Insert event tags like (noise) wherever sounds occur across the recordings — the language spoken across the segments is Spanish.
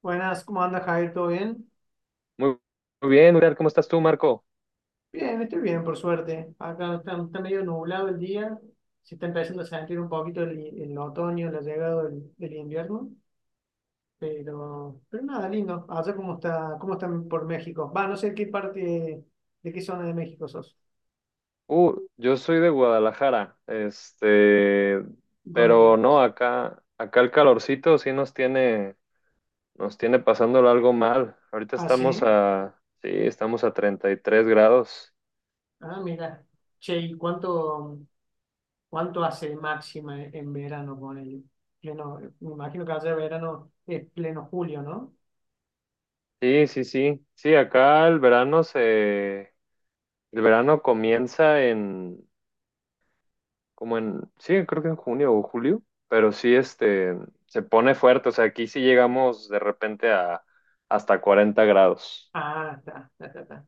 Buenas, ¿cómo anda Javier? ¿Todo bien? Muy, muy bien, Uriel, ¿cómo estás tú, Marco? Bien, estoy bien, por suerte. Acá está medio nublado el día. Se está empezando a sentir un poquito el otoño, la llegada del invierno. Pero nada, lindo. ¿Allá cómo está, cómo están por México? Va, no sé qué parte, de qué zona de México sos. Yo soy de Guadalajara, este, ¿Dónde pero no, quedas? acá el calorcito sí nos tiene pasándolo algo mal. Ahorita Ah, estamos sí. a, sí, estamos a 33 grados. Ah, mira. Che, ¿y cuánto hace de máxima en verano con el pleno? Me imagino que allá de verano es pleno julio, ¿no? Sí, sí, sí, sí, acá el verano comienza en, como en, sí, creo que en junio o julio, pero sí, este, se pone fuerte, o sea, aquí sí llegamos de repente a hasta 40 grados. Ah, está, está, está. Está.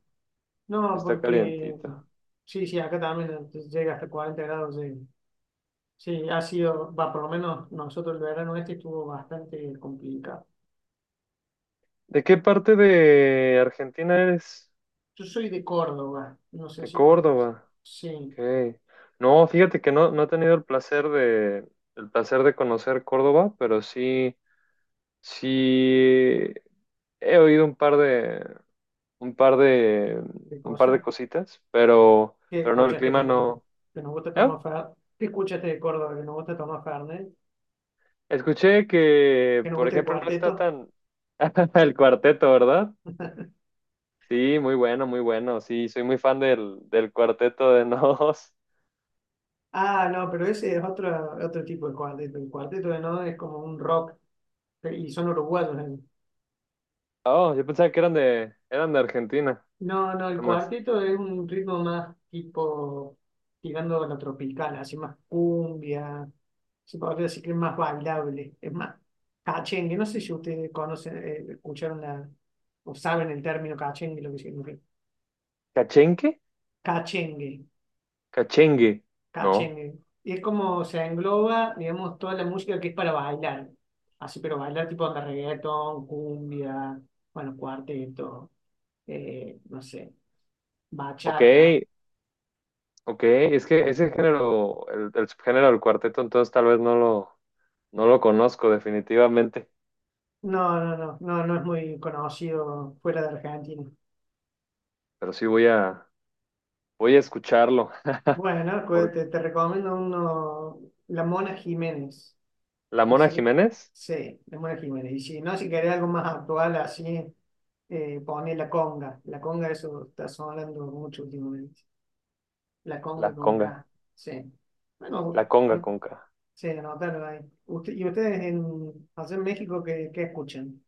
No, Está porque calientita. sí, sí, acá también llega hasta 40 grados. Sí, ha sido, va, por lo menos nosotros el verano este estuvo bastante complicado. ¿De qué parte de Argentina eres? Yo soy de Córdoba, no sé De si conoces. Córdoba. Sí, Ok. No, fíjate que no, no he tenido el placer de conocer Córdoba, pero sí, sí he oído un par de, un par de, ¿qué un par de cosa? cositas, ¿Qué pero no, el escuchaste que, clima no, no. que nos gusta Ah, tomar Fernet? ¿Qué escuchaste de Córdoba que nos gusta tomar Fernet? escuché ¿Que que, nos por gusta el ejemplo, no está cuarteto? tan (laughs) el cuarteto, ¿verdad? Sí, muy bueno, muy bueno. Sí, soy muy fan del cuarteto de Nos. Ah, no, pero ese es otro tipo de cuarteto. El cuarteto de no es como un rock y son uruguayos. Oh, yo pensaba que eran de Argentina, No, no, el nomás. cuarteto es un ritmo más tipo tirando a lo tropical, así más cumbia, se podría decir que es más bailable, es más cachengue. No sé si ustedes conocen, escucharon o saben el término cachengue, lo que significa. ¿Cachenque? Cachengue, Cachengue. No. cachengue. Y es como se engloba, digamos, toda la música que es para bailar. Así, pero bailar tipo de reggaetón, cumbia, bueno, cuarteto, no sé Ok, bachata. ok. Es que ese género, el subgénero del cuarteto, entonces tal vez no lo conozco definitivamente, No, no, no, no, no es muy conocido fuera de Argentina. pero sí voy a escucharlo. (laughs) Bueno, Por, te recomiendo uno, La Mona Jiménez. la Y Mona si, Jiménez, sí, La Mona Jiménez. Y si no, si querés algo más actual, así, pone La Conga. La Conga, eso está sonando mucho últimamente. La la Conga con conga, K. Sí. la Bueno, conga conca. sí, anótalo ahí. ¿Y ustedes allá en México qué escuchan?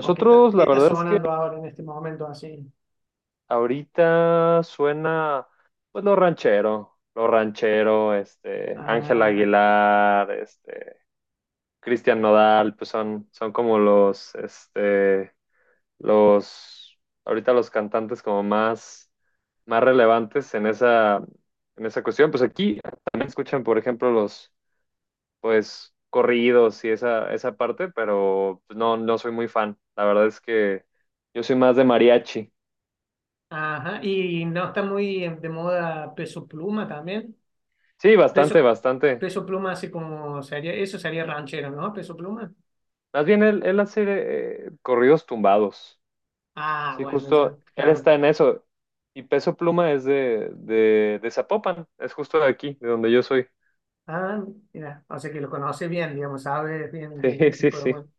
¿O qué está, qué la está verdad es que sonando ahora en este momento así? ahorita suena, pues lo ranchero, este, Ángel Ah. Aguilar, este. Cristian Nodal, pues son como los, este, los, ahorita los cantantes como más relevantes en esa cuestión. Pues aquí también escuchan, por ejemplo, los, pues, corridos y esa parte, pero pues, no, no soy muy fan. La verdad es que yo soy más de mariachi. Ajá, y no está muy de moda peso pluma también. Sí, bastante, Peso, bastante. peso pluma así como sería, eso sería ranchero, ¿no? Peso pluma. Más bien él hace corridos tumbados. Ah, Sí, bueno, ya, justo, él claro. está en eso. Y Peso Pluma es de Zapopan, es justo de aquí, de donde yo soy. Ah, mira, o sea que lo conoce bien, digamos, sabe bien (laughs) qué, Sí, qué sí, tipo de sí. música.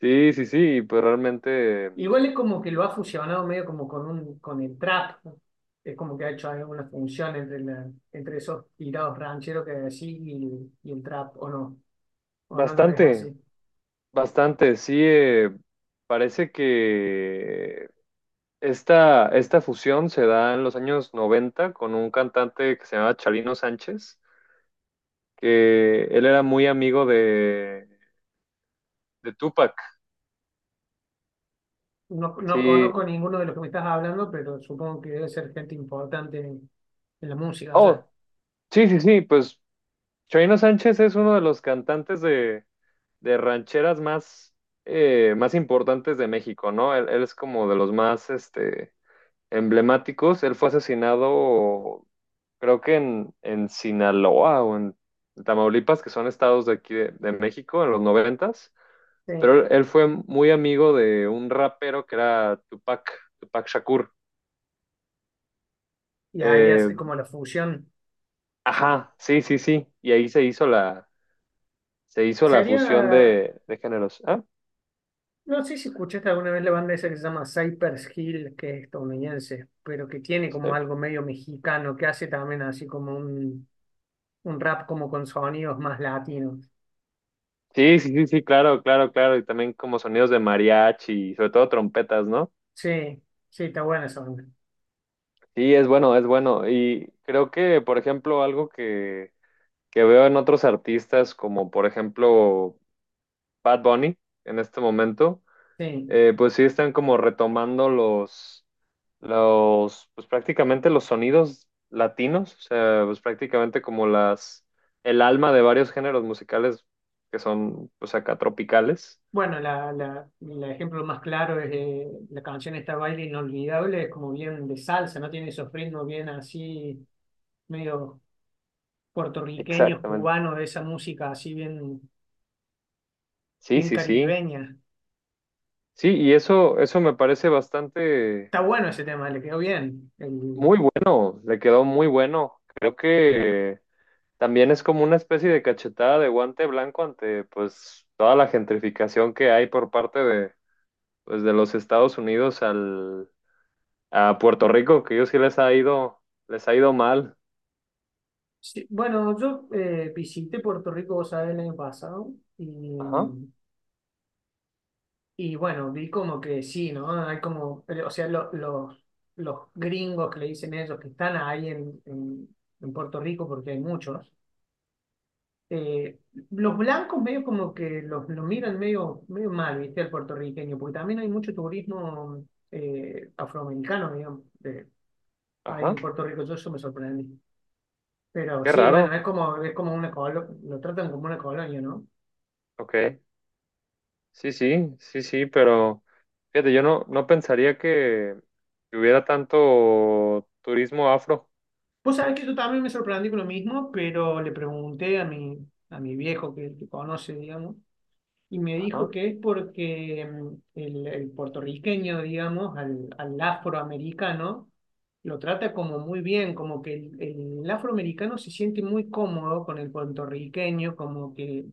Sí, sí, sí, pues realmente Igual es como que lo ha fusionado medio como con el trap, ¿no? Es como que ha hecho alguna función entre entre esos tirados rancheros que hay así y el trap, o no lo ves bastante, así. bastante. Sí, parece que esta fusión se da en los años 90 con un cantante que se llamaba Chalino Sánchez, que él era muy amigo de Tupac. No, no conozco Sí. ninguno de los que me estás hablando, pero supongo que debe ser gente importante en la música allá. Oh, sí, sí, sí, pues Choino Sánchez es uno de los cantantes de rancheras más importantes de México, ¿no? Él es como de los más este, emblemáticos. Él fue asesinado, creo que en Sinaloa o en Tamaulipas, que son estados de aquí de México, en los noventas. Sí. Pero él fue muy amigo de un rapero que era Tupac, Tupac Shakur. Y ahí Eh, hace como la fusión. Sí. ajá, sí, sí, sí. Y ahí se hizo la Sería, fusión de géneros. Ah, no sé si escuchaste alguna vez la banda esa que se llama Cypress Hill, que es estadounidense, pero que tiene como algo medio mexicano, que hace también así como un rap como con sonidos más latinos. sí, sí, sí, sí, claro, claro, claro. Y también como sonidos de mariachi, y sobre todo trompetas, ¿no? Sí, sí, está buena esa banda. Sí, es bueno, es bueno. Y creo que, por ejemplo, algo que veo en otros artistas, como por ejemplo Bad Bunny, en este momento, Sí. Pues sí están como retomando pues prácticamente los sonidos latinos, o sea, pues prácticamente como el alma de varios géneros musicales que son, pues acá tropicales. Bueno, el ejemplo más claro es la canción esta Baile Inolvidable, es como bien de salsa, no tiene esos ritmos bien así, medio puertorriqueños, Exactamente. cubanos, de esa música así bien, Sí, bien sí, sí. caribeña. Sí, y eso, me parece bastante Está bueno ese tema, le quedó bien. Muy bueno, le quedó muy bueno. Creo que también es como una especie de cachetada de guante blanco ante pues toda la gentrificación que hay por parte de pues de los Estados Unidos al a Puerto Rico, que ellos sí les ha ido mal. Sí, bueno, yo visité Puerto Rico, vos sabés, el año pasado Ajá, y, y bueno, vi como que sí, ¿no? Hay como, o sea, los gringos que le dicen ellos que están ahí en Puerto Rico, porque hay muchos eh, los blancos medio como que los miran medio, medio mal, ¿viste? Al puertorriqueño, porque también hay mucho turismo afroamericano, digamos, ahí ajá, en Puerto Rico, yo eso me sorprendí. Pero qué sí, raro. bueno, es como una colonia, lo tratan como una colonia, ¿no? Ok. Sí, sí, sí, sí, pero fíjate, yo no pensaría que hubiera tanto turismo afro. Vos sabés que yo también me sorprendí con lo mismo, pero le pregunté a mi viejo que conoce, digamos, y me dijo Ajá, que es porque el puertorriqueño, digamos, al afroamericano, lo trata como muy bien, como que el afroamericano se siente muy cómodo con el puertorriqueño, como que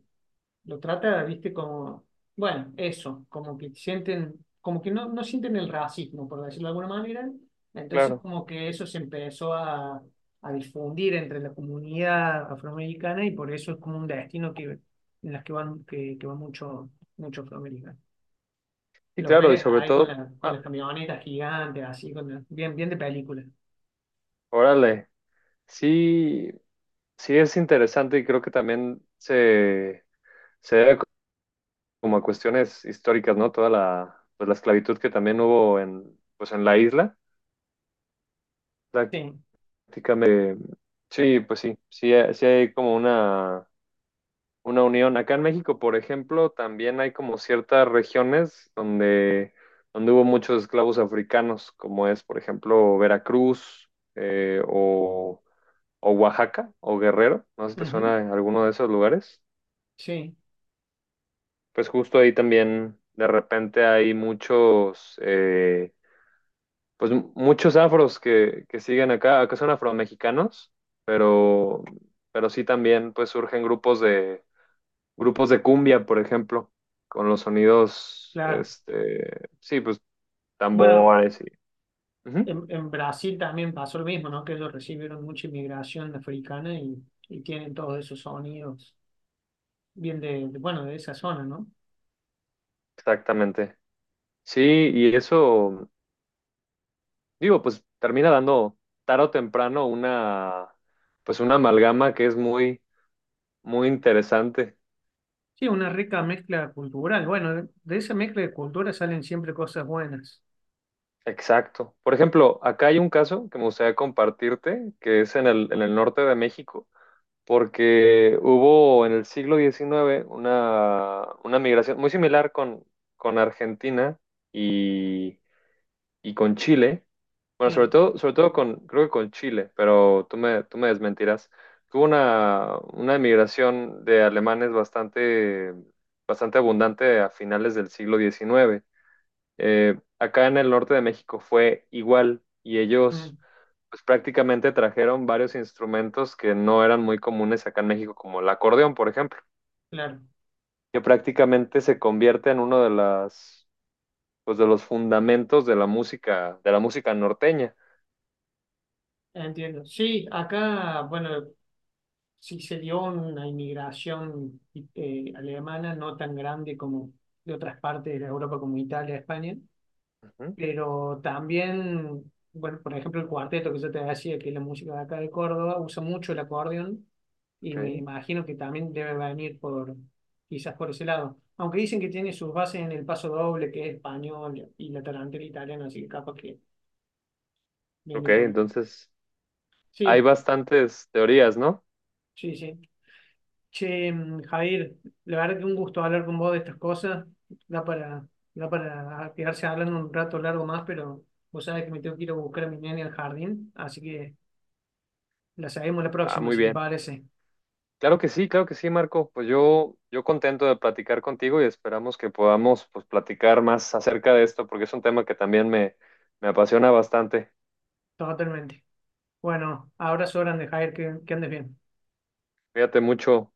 lo trata, viste, como, bueno, eso, como que sienten, como que no sienten el racismo, por decirlo de alguna manera. Entonces, claro. como que eso se empezó a difundir entre la comunidad afroamericana y por eso es como un destino que, en las que van, que van mucho, mucho afroamericano. Sí, Los claro, y ves sobre ahí todo, con las ah, camionetas gigantes, así, bien, bien de película. órale, sí, sí es interesante y creo que también se debe como a cuestiones históricas, ¿no? Toda la, pues la esclavitud que también hubo en, pues en la isla, Sí, prácticamente, sí, pues sí, sí, sí hay como una unión. Acá en México, por ejemplo, también hay como ciertas regiones donde hubo muchos esclavos africanos, como es, por ejemplo, Veracruz, eh, o o Oaxaca o Guerrero, no sé si te suena ujú, alguno de esos lugares. sí, Pues justo ahí también de repente hay muchos afros que siguen acá, son afromexicanos, pero, pero sí también pues surgen grupos de cumbia, por ejemplo, con los sonidos, claro. este, sí, pues Bueno, tambores y... Ujú, en Brasil también pasó lo mismo, ¿no? Que ellos recibieron mucha inmigración africana y tienen todos esos sonidos, bien bueno, de esa zona, ¿no? exactamente. Sí, y eso, digo, pues termina dando tarde o temprano pues una amalgama que es muy, muy interesante. Sí, una rica mezcla cultural. Bueno, de esa mezcla de culturas salen siempre cosas buenas. Exacto. Por ejemplo, acá hay un caso que me gustaría compartirte, que es en el norte de México, porque hubo en el siglo XIX una migración muy similar con Argentina y, y con Chile. Bueno, Sí, sobre todo con, creo que con Chile, pero tú me desmentirás. Tuvo una emigración de alemanes bastante, bastante abundante a finales del siglo XIX. Acá en el norte de México fue igual y ellos mm, pues, prácticamente trajeron varios instrumentos que no eran muy comunes acá en México, como el acordeón, por ejemplo, claro, que prácticamente se convierte en uno de los fundamentos de la música norteña. entiendo. Sí, acá, bueno, sí se dio una inmigración alemana no tan grande como de otras partes de Europa, como Italia, España. Ujú, Pero también, bueno, por ejemplo, el cuarteto que yo te decía, que es la música de acá de Córdoba, usa mucho el acordeón y me ok. imagino que también debe venir quizás por ese lado. Aunque dicen que tiene sus bases en el paso doble, que es español y la tarantela italiana, así que capaz que Ok, viene por... entonces hay Sí, bastantes teorías, ¿no? sí, sí. Che, Jair, la verdad que un gusto hablar con vos de estas cosas. Da para, da para quedarse hablando un rato largo más, pero vos sabés que me tengo que ir a buscar a mi nene al jardín, así que... La seguimos la Ah, próxima, muy si te bien. parece. Claro que sí, Marco. Pues yo contento de platicar contigo y esperamos que podamos pues, platicar más acerca de esto porque es un tema que también me apasiona bastante. Totalmente. Bueno, abrazo grande, Jair, que andes bien. Cuídate mucho.